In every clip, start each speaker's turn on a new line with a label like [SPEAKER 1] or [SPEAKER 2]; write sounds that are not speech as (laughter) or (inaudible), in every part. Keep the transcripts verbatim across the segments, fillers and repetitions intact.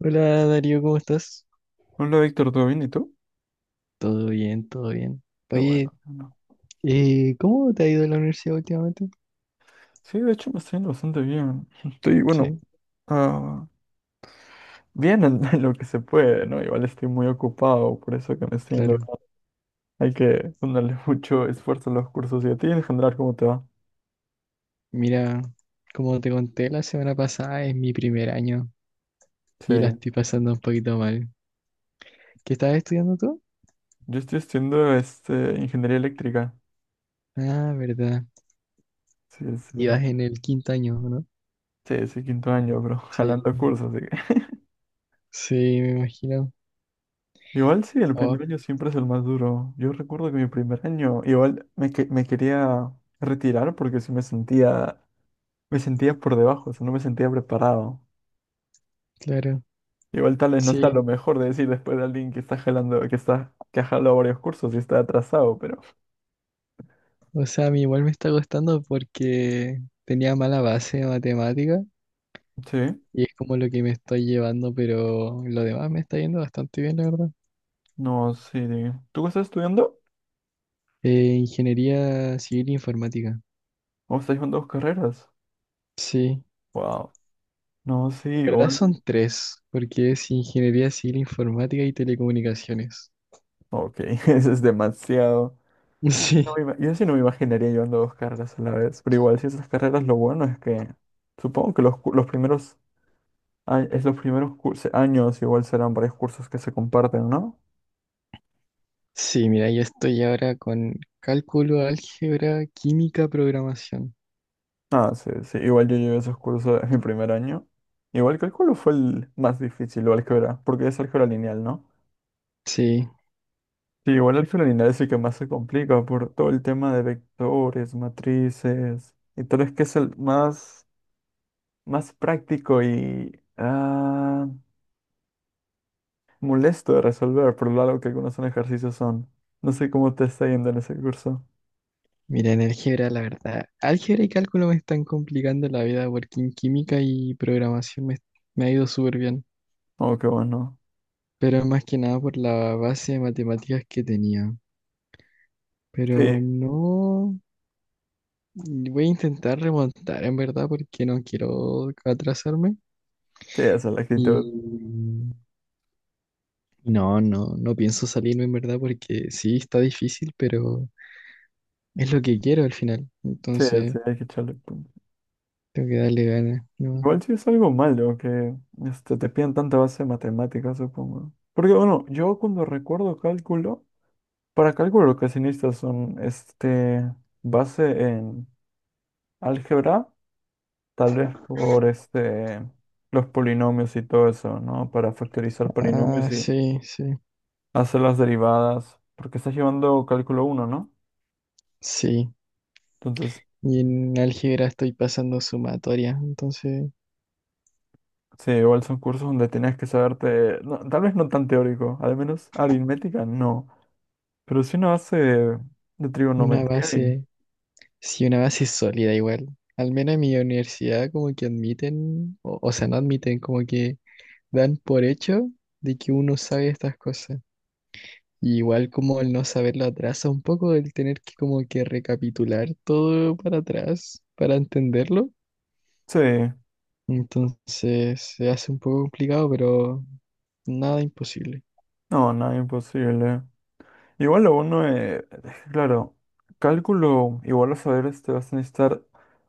[SPEAKER 1] Hola Darío, ¿cómo estás?
[SPEAKER 2] Hola Víctor, ¿todo bien? ¿Y tú?
[SPEAKER 1] Todo bien, todo bien.
[SPEAKER 2] Qué bueno.
[SPEAKER 1] Oye,
[SPEAKER 2] qué bueno.
[SPEAKER 1] eh, ¿cómo te ha ido en la universidad últimamente?
[SPEAKER 2] Sí, de hecho me está yendo bastante bien. (laughs) Estoy, bueno,
[SPEAKER 1] Sí,
[SPEAKER 2] ah, bien en, (laughs) en lo que se puede, ¿no? Igual estoy muy ocupado, por eso que me está yendo
[SPEAKER 1] claro.
[SPEAKER 2] bien. Hay que ponerle (laughs) mucho esfuerzo a los cursos. ¿Y a ti en general cómo te va?
[SPEAKER 1] Mira, como te conté la semana pasada, es mi primer año
[SPEAKER 2] Sí,
[SPEAKER 1] y la estoy pasando un poquito mal. ¿Qué estás estudiando tú?
[SPEAKER 2] yo estoy estudiando este, ingeniería eléctrica.
[SPEAKER 1] Ah, verdad.
[SPEAKER 2] Sí, sí.
[SPEAKER 1] Ibas en el quinto año, ¿no?
[SPEAKER 2] Sí, sí, quinto año, bro. (laughs)
[SPEAKER 1] Sí.
[SPEAKER 2] Jalando cursos, así que. (laughs)
[SPEAKER 1] Sí, me imagino.
[SPEAKER 2] Igual sí, el
[SPEAKER 1] Oh,
[SPEAKER 2] primer año siempre es el más duro. Yo recuerdo que mi primer año, igual me, que- me quería retirar porque sí me sentía. Me sentía por debajo, o sea, no me sentía preparado.
[SPEAKER 1] claro.
[SPEAKER 2] Igual tal vez no sea
[SPEAKER 1] Sí.
[SPEAKER 2] lo mejor de decir después de alguien que está jalando, que está, que ha jalado varios cursos y está atrasado, pero.
[SPEAKER 1] O sea, a mí igual me está costando porque tenía mala base de matemática
[SPEAKER 2] Sí,
[SPEAKER 1] y es como lo que me estoy llevando, pero lo demás me está yendo bastante bien, la verdad.
[SPEAKER 2] no, sí. de- ¿Tú estás estudiando?
[SPEAKER 1] Eh, ingeniería civil e informática.
[SPEAKER 2] ¿O estás con dos carreras?
[SPEAKER 1] Sí,
[SPEAKER 2] Wow. No, sí,
[SPEAKER 1] en verdad
[SPEAKER 2] igual.
[SPEAKER 1] son tres, porque es ingeniería civil informática y telecomunicaciones. (laughs)
[SPEAKER 2] Ok, (laughs) eso es demasiado. Yo sí no
[SPEAKER 1] Sí,
[SPEAKER 2] me, ima- yo sí no me imaginaría llevando dos carreras a la vez, pero igual si esas carreras lo bueno es que supongo que los, cu- los primeros, a- es los primeros cursos, años igual serán varios cursos que se comparten, ¿no?
[SPEAKER 1] sí, mira, yo estoy ahora con cálculo, álgebra, química, programación.
[SPEAKER 2] Ah, sí, sí. Igual yo llevé esos cursos en mi primer año. Igual cálculo fue el más difícil, o álgebra, porque es álgebra lineal, ¿no?
[SPEAKER 1] Sí,
[SPEAKER 2] Sí, igual álgebra lineal es el que más se complica por todo el tema de vectores, matrices, y tal vez que es el más, más práctico y ah, molesto de resolver, por lo largo que algunos son ejercicios son. No sé cómo te está yendo en ese curso.
[SPEAKER 1] mira, en álgebra, la verdad, álgebra y cálculo me están complicando la vida, porque en química y programación me, me ha ido súper bien.
[SPEAKER 2] Oh, qué bueno.
[SPEAKER 1] Pero más que nada por la base de matemáticas que tenía. Pero
[SPEAKER 2] Sí,
[SPEAKER 1] no voy a intentar remontar en verdad porque no quiero atrasarme.
[SPEAKER 2] sí, esa es la actitud.
[SPEAKER 1] Y no, no, no pienso salirme en verdad porque sí está difícil, pero es lo que quiero al final.
[SPEAKER 2] Sí,
[SPEAKER 1] Entonces
[SPEAKER 2] sí, hay que echarle.
[SPEAKER 1] tengo que darle ganas, ¿no?
[SPEAKER 2] Igual sí es algo malo que este, te piden tanta base de matemáticas, supongo. Porque bueno, yo cuando recuerdo cálculo, para cálculo lo que se necesita son este, base en álgebra, tal vez por este, los polinomios y todo eso, ¿no? Para factorizar
[SPEAKER 1] Ah,
[SPEAKER 2] polinomios y
[SPEAKER 1] sí, sí,
[SPEAKER 2] hacer las derivadas, porque estás llevando cálculo uno, ¿no?
[SPEAKER 1] sí.
[SPEAKER 2] Entonces,
[SPEAKER 1] Y en álgebra estoy pasando sumatoria, entonces
[SPEAKER 2] sí, igual son cursos donde tenías que saberte, no, tal vez no tan teórico, al menos aritmética no. Pero si no hace de,
[SPEAKER 1] una
[SPEAKER 2] trigonometría y...
[SPEAKER 1] base. Sí, una base sólida igual. Al menos en mi universidad como que admiten, o, o sea, no admiten, como que dan por hecho de que uno sabe estas cosas. Y igual como el no saberlo atrasa un poco, el tener que como que recapitular todo para atrás para entenderlo.
[SPEAKER 2] Sí,
[SPEAKER 1] Entonces se hace un poco complicado, pero nada imposible.
[SPEAKER 2] no, nada imposible. Igual lo bueno es, claro, cálculo, igual a saber este, vas a necesitar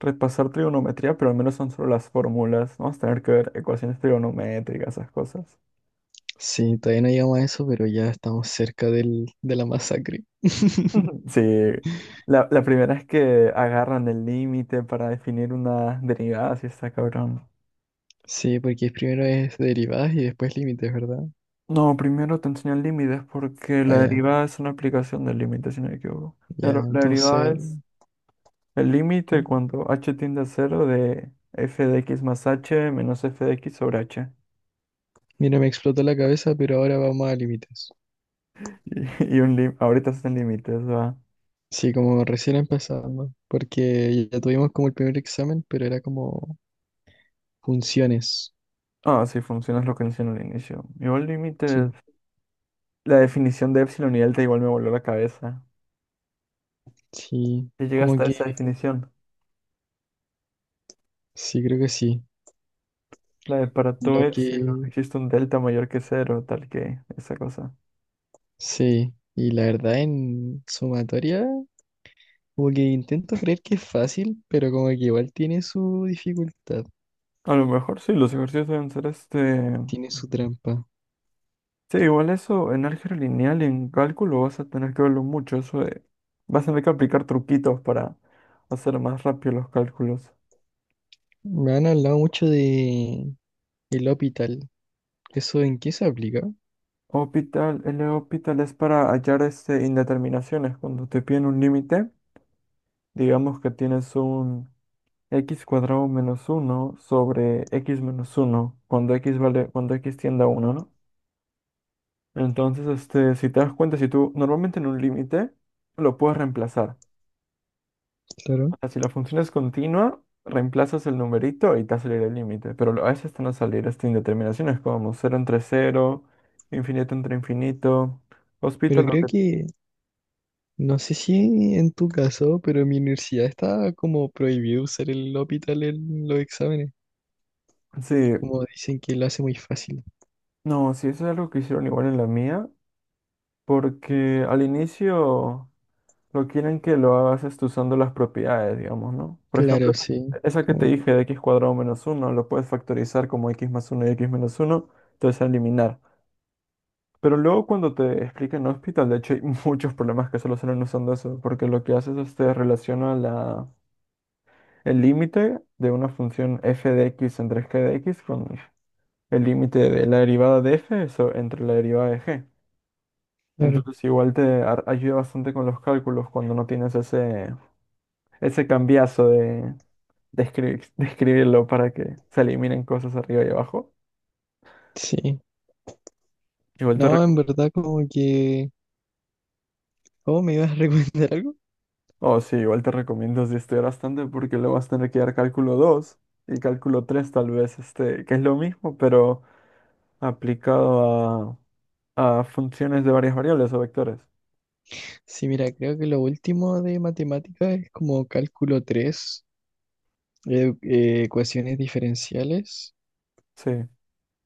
[SPEAKER 2] repasar trigonometría, pero al menos son solo las fórmulas, ¿no? Vas a tener que ver ecuaciones trigonométricas, esas cosas.
[SPEAKER 1] Sí, todavía no llegamos a eso, pero ya estamos cerca del, de la masacre. (laughs)
[SPEAKER 2] Ujú. Sí, la, la primera es que agarran el límite para definir una derivada, si está cabrón.
[SPEAKER 1] Sí, porque primero es derivadas y después límites, ¿verdad?
[SPEAKER 2] No, primero te enseñan límites porque
[SPEAKER 1] Ah,
[SPEAKER 2] la
[SPEAKER 1] ya.
[SPEAKER 2] derivada es una aplicación del límite, si no me equivoco.
[SPEAKER 1] Ya,
[SPEAKER 2] Claro, la derivada.
[SPEAKER 1] entonces,
[SPEAKER 2] El límite
[SPEAKER 1] pu,
[SPEAKER 2] cuando h tiende a cero de f de x más h menos f de x sobre h. (laughs)
[SPEAKER 1] mira, me explotó la cabeza, pero ahora vamos a límites.
[SPEAKER 2] Y, y un lim- ahorita están límites, ¿va?
[SPEAKER 1] Sí, como recién empezando, porque ya tuvimos como el primer examen, pero era como funciones.
[SPEAKER 2] Ah, sí, funciona es lo que mencioné al inicio. Igual
[SPEAKER 1] Sí,
[SPEAKER 2] límites, la definición de epsilon y delta igual me voló la cabeza.
[SPEAKER 1] sí,
[SPEAKER 2] Y llega
[SPEAKER 1] como
[SPEAKER 2] hasta
[SPEAKER 1] que,
[SPEAKER 2] esa definición.
[SPEAKER 1] sí, creo que sí.
[SPEAKER 2] La de para todo
[SPEAKER 1] Lo
[SPEAKER 2] epsilon
[SPEAKER 1] que,
[SPEAKER 2] existe un delta mayor que cero, tal que esa cosa.
[SPEAKER 1] sí, y la verdad en sumatoria, como que intento creer que es fácil, pero como que igual tiene su dificultad,
[SPEAKER 2] A lo mejor sí, los ejercicios deben ser este.
[SPEAKER 1] tiene su trampa.
[SPEAKER 2] Sí, igual eso en álgebra lineal y en cálculo vas a tener que verlo mucho. Eso de- vas a tener que aplicar truquitos para hacer más rápido los cálculos.
[SPEAKER 1] Me han hablado mucho de el hospital. ¿Eso en qué se aplica?
[SPEAKER 2] Hospital, el hospital es para hallar este, indeterminaciones. Cuando te piden un límite, digamos que tienes un x cuadrado menos uno sobre x menos uno cuando x vale, cuando x tiende a uno, ¿no? Entonces, este, si te das cuenta, si tú normalmente en un límite lo puedes reemplazar.
[SPEAKER 1] Claro.
[SPEAKER 2] Si la función es continua, reemplazas el numerito y te va a salir el límite. Pero lo- a veces te van a salir estas indeterminaciones como cero entre cero, infinito entre infinito.
[SPEAKER 1] Pero
[SPEAKER 2] Hospital, lo
[SPEAKER 1] creo
[SPEAKER 2] que...
[SPEAKER 1] que, no sé si en tu caso, pero en mi universidad está como prohibido usar el hospital en los exámenes.
[SPEAKER 2] Sí,
[SPEAKER 1] Como dicen que lo hace muy fácil.
[SPEAKER 2] no, sí, eso es algo que hicieron igual en la mía. Porque al inicio lo quieren que lo hagas esto usando las propiedades, digamos, ¿no? Por ejemplo,
[SPEAKER 1] Claro,
[SPEAKER 2] esa
[SPEAKER 1] sí.
[SPEAKER 2] que esa que te
[SPEAKER 1] Como,
[SPEAKER 2] dije de x cuadrado menos uno lo puedes factorizar como x más uno y x menos uno, entonces eliminar. Pero luego cuando te explican en hospital, de hecho hay (laughs) muchos problemas que solucionan usando eso, porque lo que haces es te relaciona la, el límite de una función f de x entre g de x con el límite de la derivada de f eso, entre la derivada de g.
[SPEAKER 1] claro,
[SPEAKER 2] Entonces igual te ar- ayuda bastante con los cálculos cuando no tienes ese, ese cambiazo de, de, escri- (laughs) de escribirlo para que se eliminen cosas arriba y abajo.
[SPEAKER 1] sí.
[SPEAKER 2] Igual te
[SPEAKER 1] No, en verdad como que... ¿Cómo me ibas a (laughs) recomendar algo?
[SPEAKER 2] Oh, sí, igual te recomiendo si estudiar bastante porque luego vas a tener que dar cálculo dos y cálculo tres tal vez, este, que es lo mismo, pero aplicado a, a funciones de varias variables o vectores.
[SPEAKER 1] Sí, mira, creo que lo último de matemáticas es como cálculo tres, eh, eh, ecuaciones diferenciales
[SPEAKER 2] Sí.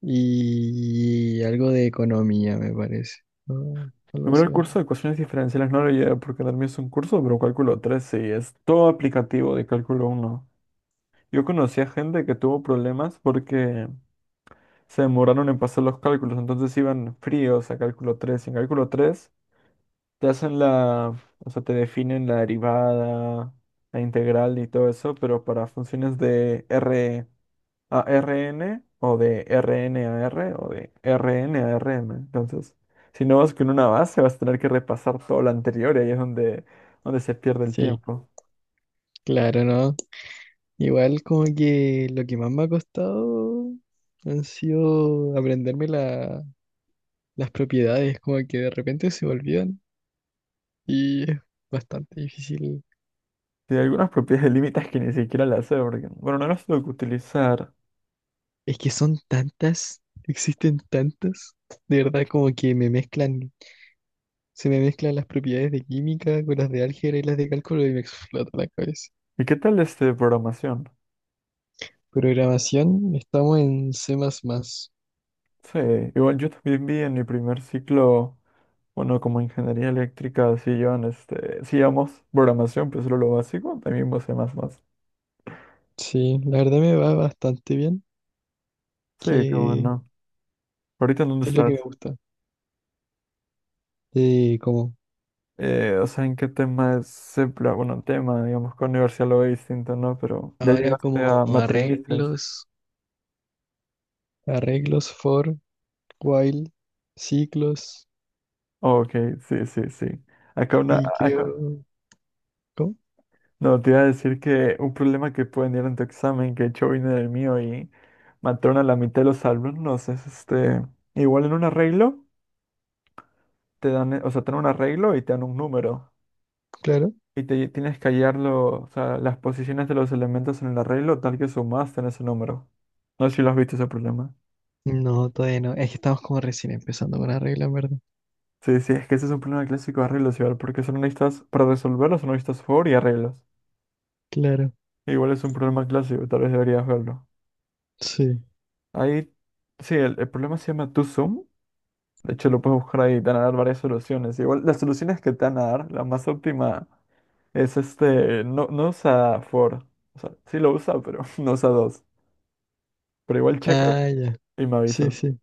[SPEAKER 1] y algo de economía, me parece. ¿No? Algo
[SPEAKER 2] Primero
[SPEAKER 1] así
[SPEAKER 2] el
[SPEAKER 1] era.
[SPEAKER 2] curso de ecuaciones diferenciales no lo llevé porque también es un curso, pero cálculo tres sí, es todo aplicativo de cálculo uno. Yo conocía gente que tuvo problemas porque se demoraron en pasar los cálculos, entonces iban fríos a cálculo tres y en cálculo tres te hacen la, o sea, te definen la derivada, la integral y todo eso, pero para funciones de R a Rn o de Rn a R o de Rn a Rm. Entonces, si no vas con una base, vas a tener que repasar todo lo anterior y ahí es donde, donde se pierde el
[SPEAKER 1] Sí,
[SPEAKER 2] tiempo.
[SPEAKER 1] claro, ¿no? Igual como que lo que más me ha costado han sido aprenderme la- las propiedades, como que de repente se me olvidan y es bastante difícil.
[SPEAKER 2] Y hay algunas propiedades de límites que ni siquiera las sé, porque, bueno, no las tengo que utilizar.
[SPEAKER 1] Es que son tantas, existen tantas, de verdad como que me mezclan, se me mezclan las propiedades de química con las de álgebra y las de cálculo y me explota la cabeza.
[SPEAKER 2] ¿Y qué tal este de programación?
[SPEAKER 1] Programación, estamos en C más más. Más más.
[SPEAKER 2] Sí, igual yo también vi en mi primer ciclo. Bueno, como ingeniería eléctrica, sí llevan este, sí llevamos programación, pero solo lo básico, también vos más más.
[SPEAKER 1] Sí, la verdad me va bastante bien,
[SPEAKER 2] Sí, cómo
[SPEAKER 1] que
[SPEAKER 2] no. ¿Ahorita en dónde
[SPEAKER 1] que es lo que me
[SPEAKER 2] estás?
[SPEAKER 1] gusta. Eh, como...
[SPEAKER 2] Eh, o sea, ¿en qué tema es? se pla- Bueno, tema, digamos, con universidad lo ve distinto, ¿no? Pero ya
[SPEAKER 1] Ahora
[SPEAKER 2] llegaste
[SPEAKER 1] como
[SPEAKER 2] a matrices.
[SPEAKER 1] arreglos, arreglos for, while, ciclos
[SPEAKER 2] Ok, sí, sí, sí. Acá una,
[SPEAKER 1] y
[SPEAKER 2] acá-
[SPEAKER 1] creo... ¿Cómo?
[SPEAKER 2] no, te iba a decir que un problema que pueden ir en tu examen, que de hecho vino del mío y mataron a la mitad de los alumnos, es este, igual en un arreglo, te dan, eh, o sea, te dan un arreglo y te dan un número.
[SPEAKER 1] Claro.
[SPEAKER 2] Y te tienes que hallar lo- o sea, las posiciones de los elementos en el arreglo tal que sumaste en ese número. No sé si lo has visto ese problema.
[SPEAKER 1] No, todavía no. Es que estamos como recién empezando con arreglos, ¿en verdad?
[SPEAKER 2] Sí, sí, es que ese es un problema clásico de arreglos igual, porque son listas, para resolverlos son listas for y arreglos.
[SPEAKER 1] Claro.
[SPEAKER 2] Igual es un problema clásico, tal vez deberías verlo.
[SPEAKER 1] Sí.
[SPEAKER 2] Ahí, sí, el, el problema se llama TwoSum. De hecho, lo puedes buscar ahí, te van a dar varias soluciones. Igual las soluciones que te van a dar, la más óptima es este, no, no usa for. O sea, sí lo usa, pero (laughs) no usa dos. Pero igual checa
[SPEAKER 1] Ah, ya.
[SPEAKER 2] y me
[SPEAKER 1] Sí,
[SPEAKER 2] avisas,
[SPEAKER 1] sí.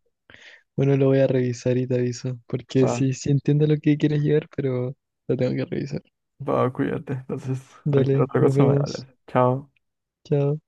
[SPEAKER 1] Bueno, lo voy a revisar y te aviso, porque
[SPEAKER 2] ¿va?
[SPEAKER 1] sí, sí entiendo lo que quieres llegar, pero lo tengo que revisar.
[SPEAKER 2] Va, cuídate. Entonces, cualquier
[SPEAKER 1] Dale,
[SPEAKER 2] otra
[SPEAKER 1] nos
[SPEAKER 2] cosa me
[SPEAKER 1] vemos.
[SPEAKER 2] hablas. Chao.
[SPEAKER 1] Chao.